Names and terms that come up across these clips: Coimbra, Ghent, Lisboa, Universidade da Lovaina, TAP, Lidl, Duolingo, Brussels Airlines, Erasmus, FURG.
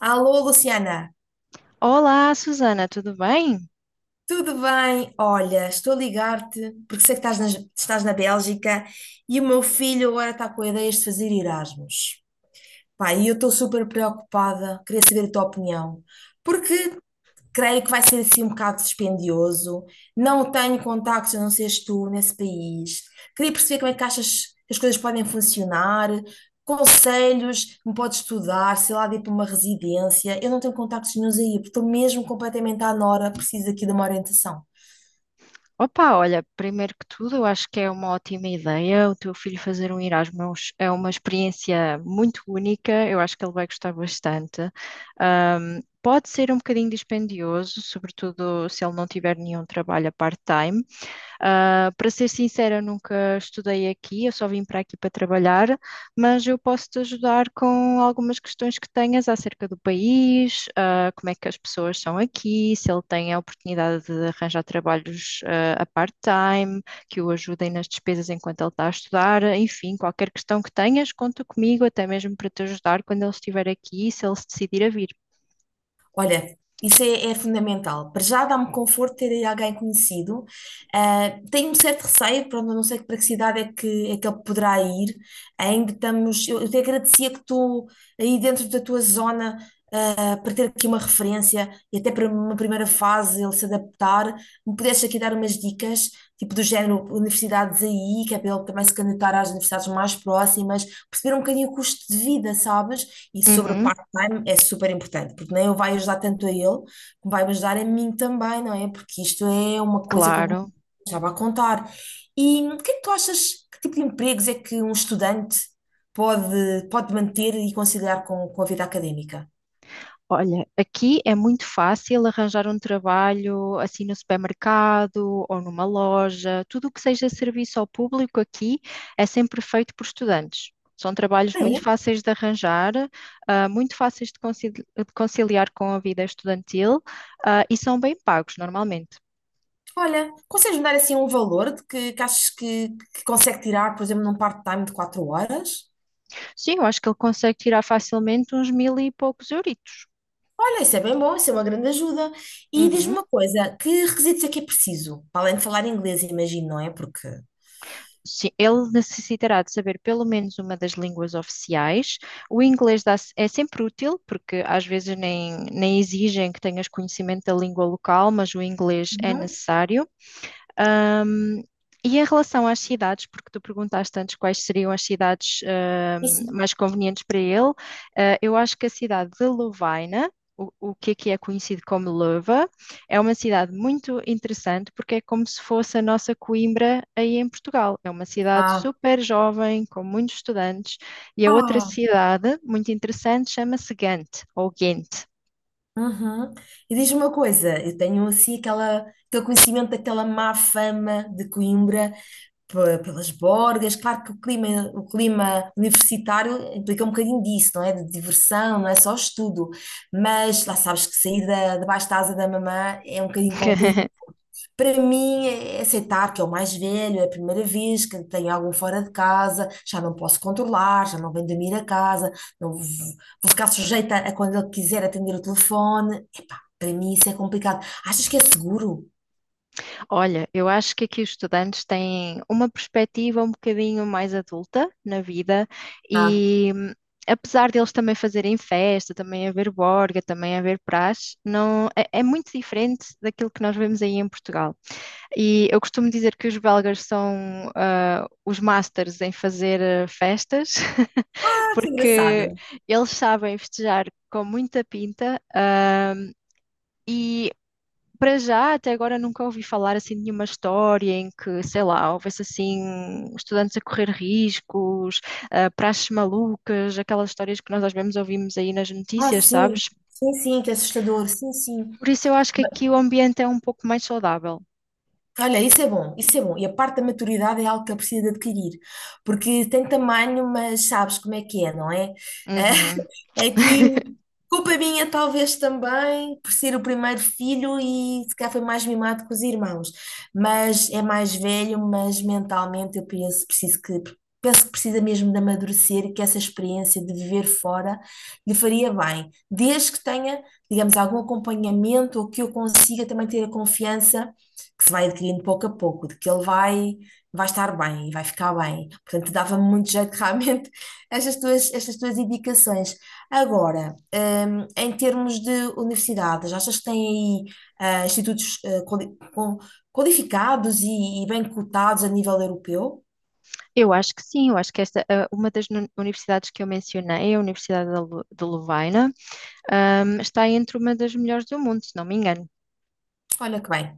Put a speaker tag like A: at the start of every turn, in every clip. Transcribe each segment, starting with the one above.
A: Alô, Luciana,
B: Olá, Susana, tudo bem?
A: tudo bem? Olha, estou a ligar-te porque sei que estás na Bélgica e o meu filho agora está com ideias de fazer Erasmus. Pá, e eu estou super preocupada, queria saber a tua opinião. Porque creio que vai ser assim um bocado dispendioso. Não tenho contactos, a não seres tu, nesse país. Queria perceber como é que achas que as coisas podem funcionar, conselhos me podes estudar, sei lá, de ir para uma residência. Eu não tenho contactos nenhuns aí, porque estou mesmo completamente à nora, preciso aqui de uma orientação.
B: Opa, olha, primeiro que tudo, eu acho que é uma ótima ideia o teu filho fazer um Erasmus. É uma experiência muito única, eu acho que ele vai gostar bastante. Pode ser um bocadinho dispendioso, sobretudo se ele não tiver nenhum trabalho a part-time. Para ser sincera, eu nunca estudei aqui, eu só vim para aqui para trabalhar, mas eu posso te ajudar com algumas questões que tenhas acerca do país, como é que as pessoas são aqui, se ele tem a oportunidade de arranjar trabalhos, a part-time, que o ajudem nas despesas enquanto ele está a estudar, enfim, qualquer questão que tenhas, conta comigo, até mesmo para te ajudar quando ele estiver aqui, se ele se decidir a vir.
A: Olha, isso é fundamental. Para já dá-me conforto ter aí alguém conhecido. Ah, tenho um certo receio, pronto, eu não sei para que cidade é que ele poderá ir. Ainda estamos. Eu te agradecia que tu, aí dentro da tua zona, para ter aqui uma referência e até para uma primeira fase ele se adaptar, me pudeste aqui dar umas dicas, tipo do género universidades aí, que é para ele também se candidatar às universidades mais próximas, perceber um bocadinho o custo de vida, sabes? E sobre o
B: Uhum,
A: part-time é super importante, porque nem eu vai ajudar tanto a ele, como vai me ajudar a mim também, não é? Porque isto é uma coisa que eu não
B: claro.
A: estava a contar. E o que é que tu achas, que tipo de empregos é que um estudante pode manter e conciliar com a vida académica?
B: Olha, aqui é muito fácil arranjar um trabalho assim no supermercado ou numa loja. Tudo o que seja serviço ao público aqui é sempre feito por estudantes. São trabalhos
A: Ah,
B: muito
A: é?
B: fáceis de arranjar, muito fáceis de de conciliar com a vida estudantil, e são bem pagos normalmente.
A: Olha, consegues-me dar assim um valor de que achas que consegue tirar, por exemplo, num part-time de 4 horas?
B: Sim, eu acho que ele consegue tirar facilmente uns 1000 e poucos euritos.
A: Olha, isso é bem bom, isso é uma grande ajuda. E diz-me
B: Uhum.
A: uma coisa, que requisitos é que é preciso? Para além de falar inglês, imagino, não é? Porque...
B: Sim, ele necessitará de saber pelo menos uma das línguas oficiais. O é sempre útil, porque às vezes nem exigem que tenhas conhecimento da língua local, mas o inglês é
A: Uhum.
B: necessário. Um, e em relação às cidades, porque tu perguntaste antes quais seriam as cidades
A: E sim.
B: mais convenientes para ele, eu acho que a cidade de Lovaina, o que aqui é conhecido como Leuva, é uma cidade muito interessante porque é como se fosse a nossa Coimbra aí em Portugal. É uma cidade
A: Ah,
B: super jovem, com muitos estudantes, e a outra
A: ah.
B: cidade muito interessante chama-se Gante, ou Ghent.
A: Uhum. E diz-me uma coisa, eu tenho assim aquela, aquele conhecimento daquela má fama de Coimbra pelas borgas. Claro que o clima universitário implica um bocadinho disso, não é? De diversão, não é só estudo. Mas lá sabes que sair da, debaixo da asa da mamã é um bocadinho complicado. Para mim é aceitar que é o mais velho, é a primeira vez que tenho algum fora de casa, já não posso controlar, já não venho dormir a casa, não vou, vou ficar sujeita a quando ele quiser atender o telefone. Epá, para mim isso é complicado. Achas que é seguro?
B: Olha, eu acho que aqui os estudantes têm uma perspectiva um bocadinho mais adulta na vida
A: Ah,
B: e apesar deles também fazerem festa, também haver borga, também haver praxe, não, é muito diferente daquilo que nós vemos aí em Portugal. E eu costumo dizer que os belgas são os masters em fazer festas,
A: ah, que
B: porque
A: engraçado.
B: eles sabem festejar com muita pinta, e para já, até agora nunca ouvi falar assim de nenhuma história em que, sei lá, houvesse assim estudantes a correr riscos, praxes malucas, aquelas histórias que nós às vezes ouvimos aí nas
A: Ah,
B: notícias,
A: sim,
B: sabes?
A: sim, sim, que é assustador, sim, sim.
B: Por isso eu acho que
A: Ba-
B: aqui o ambiente é um pouco mais saudável.
A: Olha, isso é bom, isso é bom. E a parte da maturidade é algo que eu preciso de adquirir, porque tem tamanho, mas sabes como é que é, não é?
B: Uhum.
A: É que culpa minha, talvez também, por ser o primeiro filho e se calhar foi mais mimado que os irmãos. Mas é mais velho, mas mentalmente eu penso, preciso que, penso que precisa mesmo de amadurecer e que essa experiência de viver fora lhe faria bem. Desde que tenha, digamos, algum acompanhamento ou que eu consiga também ter a confiança que se vai adquirindo pouco a pouco, de que ele vai. Vai estar bem e vai ficar bem. Portanto, dava-me muito jeito realmente estas tuas indicações. Agora, em termos de universidades, achas que têm aí institutos qualificados e bem cotados a nível europeu?
B: Eu acho que sim, eu acho que esta, ah, uma das universidades que eu mencionei, a Universidade da de Lovaina, está entre uma das melhores do mundo, se não me engano.
A: Olha que bem.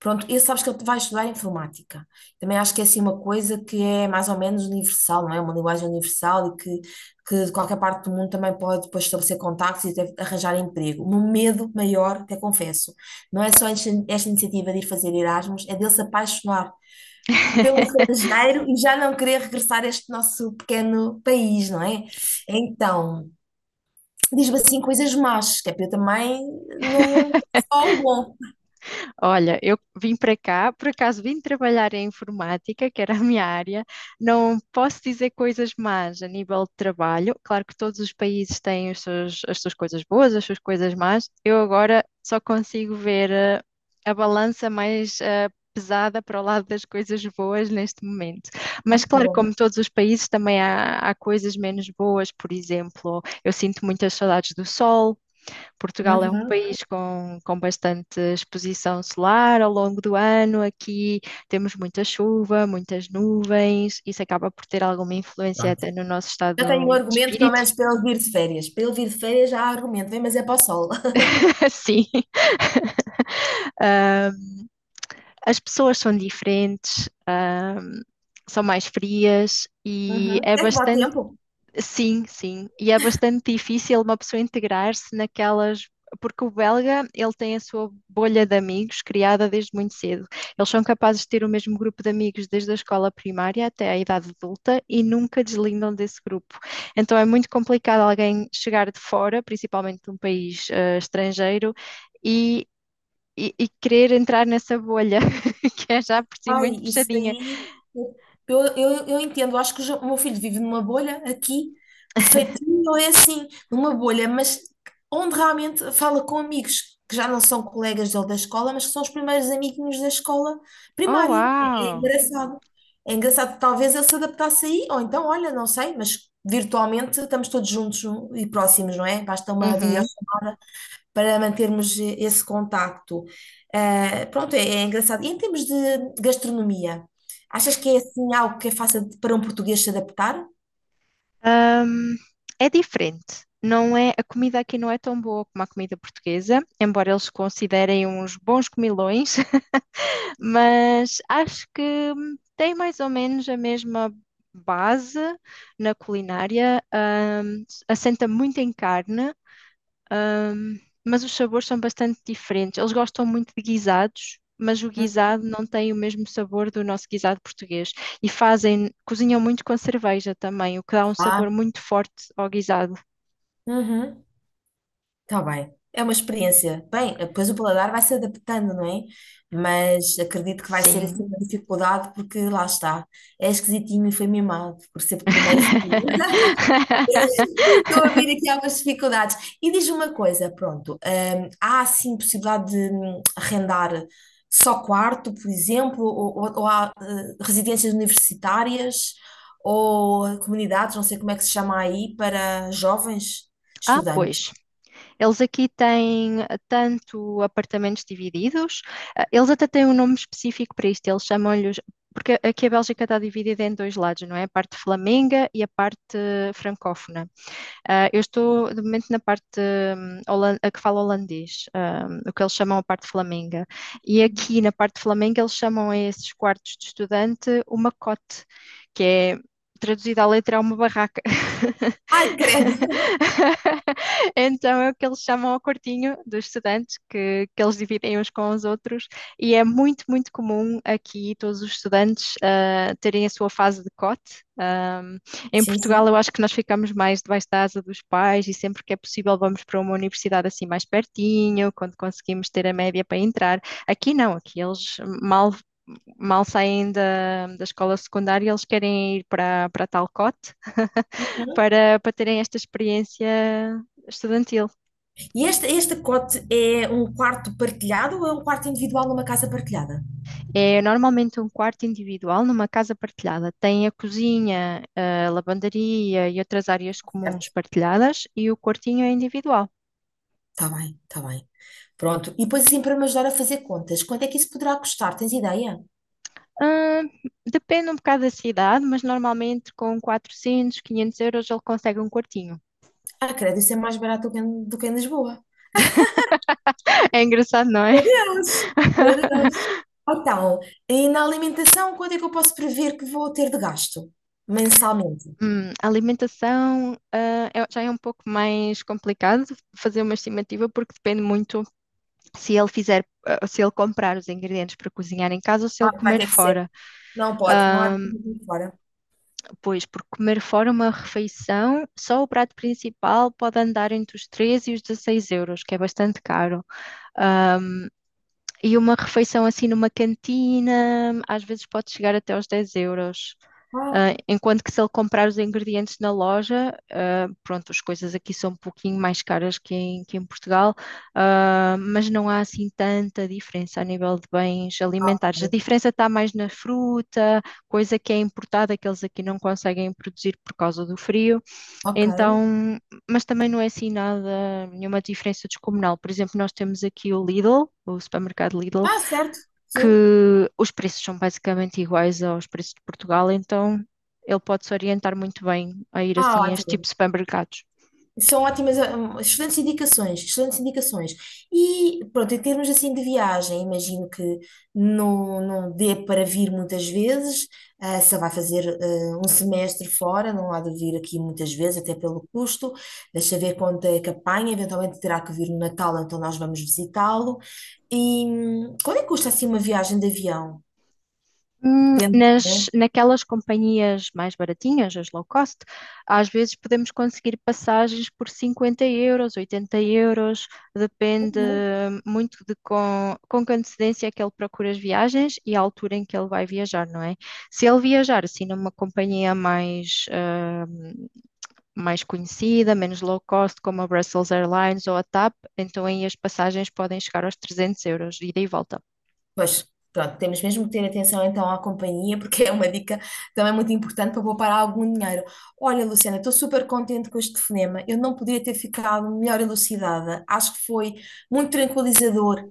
A: Pronto, e sabes que ele vai estudar informática. Também acho que é assim uma coisa que é mais ou menos universal, não é? Uma linguagem universal e que de qualquer parte do mundo também pode depois estabelecer contactos e até arranjar emprego. O meu medo maior, até confesso, não é só esta iniciativa de ir fazer Erasmus, é dele se apaixonar pelo estrangeiro e já não querer regressar a este nosso pequeno país, não é? Então, diz-me assim coisas más, que é para eu também não. Só o bom.
B: Olha, eu vim para cá, por acaso vim trabalhar em informática, que era a minha área. Não posso dizer coisas más a nível de trabalho. Claro que todos os países têm os as suas coisas boas, as suas coisas más. Eu agora só consigo ver a balança mais pesada para o lado das coisas boas neste momento.
A: Ah,
B: Mas
A: tá
B: claro,
A: bom.
B: como todos os países, também há coisas menos boas. Por exemplo, eu sinto muitas saudades do sol. Portugal é um
A: Uhum.
B: país com bastante exposição solar ao longo do ano. Aqui temos muita chuva, muitas nuvens. Isso acaba por ter alguma influência
A: Pronto.
B: até no nosso
A: Já tenho
B: estado
A: um
B: de
A: argumento, pelo
B: espírito.
A: menos, para ele vir de férias. Para ele vir de férias já há argumento, vem, mas é para o sol.
B: Sim, as pessoas são diferentes, são mais frias e
A: Uhum.
B: é
A: É que dá
B: bastante.
A: tempo.
B: Sim, sim. E é bastante difícil uma pessoa integrar-se naquelas. Porque o belga, ele tem a sua bolha de amigos criada desde muito cedo. Eles são capazes de ter o mesmo grupo de amigos desde a escola primária até a idade adulta e nunca deslindam desse grupo. Então é muito complicado alguém chegar de fora, principalmente de um país estrangeiro, e, e querer entrar nessa bolha, que é já por si
A: Ai,
B: muito
A: isso
B: fechadinha.
A: aí. Eu entendo, eu acho que o o meu filho vive numa bolha aqui, de feitinho, ou é assim, numa bolha, mas onde realmente fala com amigos que já não são colegas dele da escola, mas que são os primeiros amiguinhos da escola
B: Oh,
A: primária. É
B: uau!
A: engraçado. É engraçado, talvez ele se adaptasse aí, ou então, olha, não sei, mas virtualmente estamos todos juntos um, e próximos, não é? Basta uma
B: Uhum.
A: videochamada para mantermos esse contacto. Ah, pronto, é engraçado. E em termos de gastronomia, achas que é assim algo que é fácil para um português se adaptar?
B: Ahm, É diferente. Não é, a comida aqui não é tão boa como a comida portuguesa, embora eles considerem uns bons comilões, mas acho que tem mais ou menos a mesma base na culinária. Assenta muito em carne, mas os sabores são bastante diferentes. Eles gostam muito de guisados, mas o
A: Hum,
B: guisado não tem o mesmo sabor do nosso guisado português. E fazem, cozinham muito com cerveja também, o que dá um
A: Ah,
B: sabor muito forte ao guisado.
A: uhum, tá bem. É uma experiência. Bem, depois o paladar vai se adaptando, não é? Mas acredito que vai ser assim
B: Sim.
A: uma dificuldade, porque lá está. É esquisitinho e foi mimado por ser primeiro filho. E estou a ver aqui algumas dificuldades. E diz-me uma coisa, pronto, há assim possibilidade de arrendar só quarto, por exemplo, ou há residências universitárias ou comunidades, não sei como é que se chama aí, para jovens
B: Ah,
A: estudantes.
B: pois. Eles aqui têm tanto apartamentos divididos, eles até têm um nome específico para isto, eles chamam-lhes. Porque aqui a Bélgica está dividida em dois lados, não é? A parte flamenga e a parte francófona. Ah, eu estou, de momento, na parte a que fala holandês, o que eles chamam a parte flamenga. E
A: Uhum.
B: aqui, na parte flamenga, eles chamam a esses quartos de estudante uma cote, que é, traduzida à letra, é uma barraca.
A: Ai, credo!
B: Então é o que eles chamam ao quartinho dos estudantes, que eles dividem uns com os outros, e é muito, muito comum aqui todos os estudantes terem a sua fase de cote. Ah, em
A: Sim,
B: Portugal,
A: sim.
B: eu acho que nós ficamos mais debaixo da asa dos pais e sempre que é possível vamos para uma universidade assim mais pertinho, quando conseguimos ter a média para entrar. Aqui não, aqui eles mal saem da escola secundária, eles querem ir para tal cote
A: Uhum.
B: para terem esta experiência estudantil.
A: E este cote é um quarto partilhado ou é um quarto individual numa casa partilhada?
B: É normalmente um quarto individual numa casa partilhada. Tem a cozinha, a lavandaria e outras áreas comuns
A: Certo?
B: partilhadas e o quartinho é individual.
A: Está bem, está bem. Pronto. E depois assim para me ajudar a fazer contas. Quanto é que isso poderá custar? Tens ideia?
B: Ah, depende um bocado da cidade, mas normalmente com 400, 500 euros ele consegue um quartinho.
A: Ah, credo, isso é mais barato do que do que em Lisboa.
B: É engraçado, não é?
A: Deus, meu Deus. Então, e na alimentação, quanto é que eu posso prever que vou ter de gasto mensalmente?
B: A alimentação, já é um pouco mais complicado fazer uma estimativa porque depende muito se ele se ele comprar os ingredientes para cozinhar em casa ou se ele
A: Ah, vai
B: comer
A: ter que ser.
B: fora.
A: Não pode, não há de ir fora.
B: Pois, porque comer fora uma refeição, só o prato principal pode andar entre os 13 e os 16 euros, que é bastante caro. E uma refeição assim numa cantina, às vezes pode chegar até aos 10 euros.
A: Ah,
B: Enquanto que se ele comprar os ingredientes na loja, ah, pronto, as coisas aqui são um pouquinho mais caras que em Portugal, mas não há assim tanta diferença a nível de bens alimentares. A diferença está mais na fruta, coisa que é importada, que eles aqui não conseguem produzir por causa do frio.
A: ok.
B: Então, mas também não é assim nada, nenhuma diferença descomunal. Por exemplo, nós temos aqui o Lidl, o supermercado Lidl
A: Ah, certo. Sim.
B: que os preços são basicamente iguais aos preços de Portugal, então ele pode se orientar muito bem a ir
A: Ah,
B: assim a este tipo
A: ótimo.
B: de supermercados.
A: São ótimas, ah, excelentes indicações, excelentes indicações. E pronto, em termos assim de viagem, imagino que não dê para vir muitas vezes, só vai fazer um semestre fora, não há de vir aqui muitas vezes, até pelo custo. Deixa ver quanto é que apanha, eventualmente terá que vir no Natal, então nós vamos visitá-lo. E quanto é que custa assim uma viagem de avião? Depende, né?
B: Naquelas companhias mais baratinhas, as low cost, às vezes podemos conseguir passagens por 50 euros, 80 euros, depende muito de com que antecedência é que ele procura as viagens e a altura em que ele vai viajar, não é? Se ele viajar assim numa companhia mais, mais conhecida, menos low cost, como a Brussels Airlines ou a TAP, então aí as passagens podem chegar aos 300 euros, ida e volta.
A: Pois, pronto, temos mesmo que ter atenção então à companhia, porque é uma dica também muito importante para poupar algum dinheiro. Olha, Luciana, estou super contente com este telefonema. Eu não podia ter ficado melhor elucidada. Acho que foi muito tranquilizador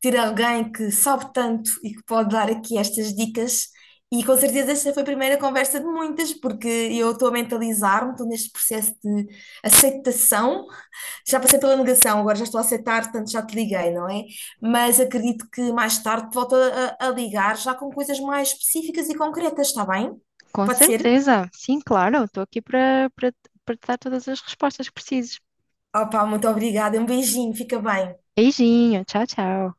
A: ter alguém que sabe tanto e que pode dar aqui estas dicas. E com certeza esta foi a primeira conversa de muitas, porque eu estou a mentalizar-me, estou neste processo de aceitação já passei pela negação, agora já estou a aceitar, portanto já te liguei, não é? Mas acredito que mais tarde te volto a ligar já com coisas mais específicas e concretas, está bem?
B: Com
A: Pode ser?
B: certeza, sim, claro, estou aqui para te dar todas as respostas que precises.
A: Opa, muito obrigada, um beijinho, fica bem.
B: Beijinho, tchau, tchau.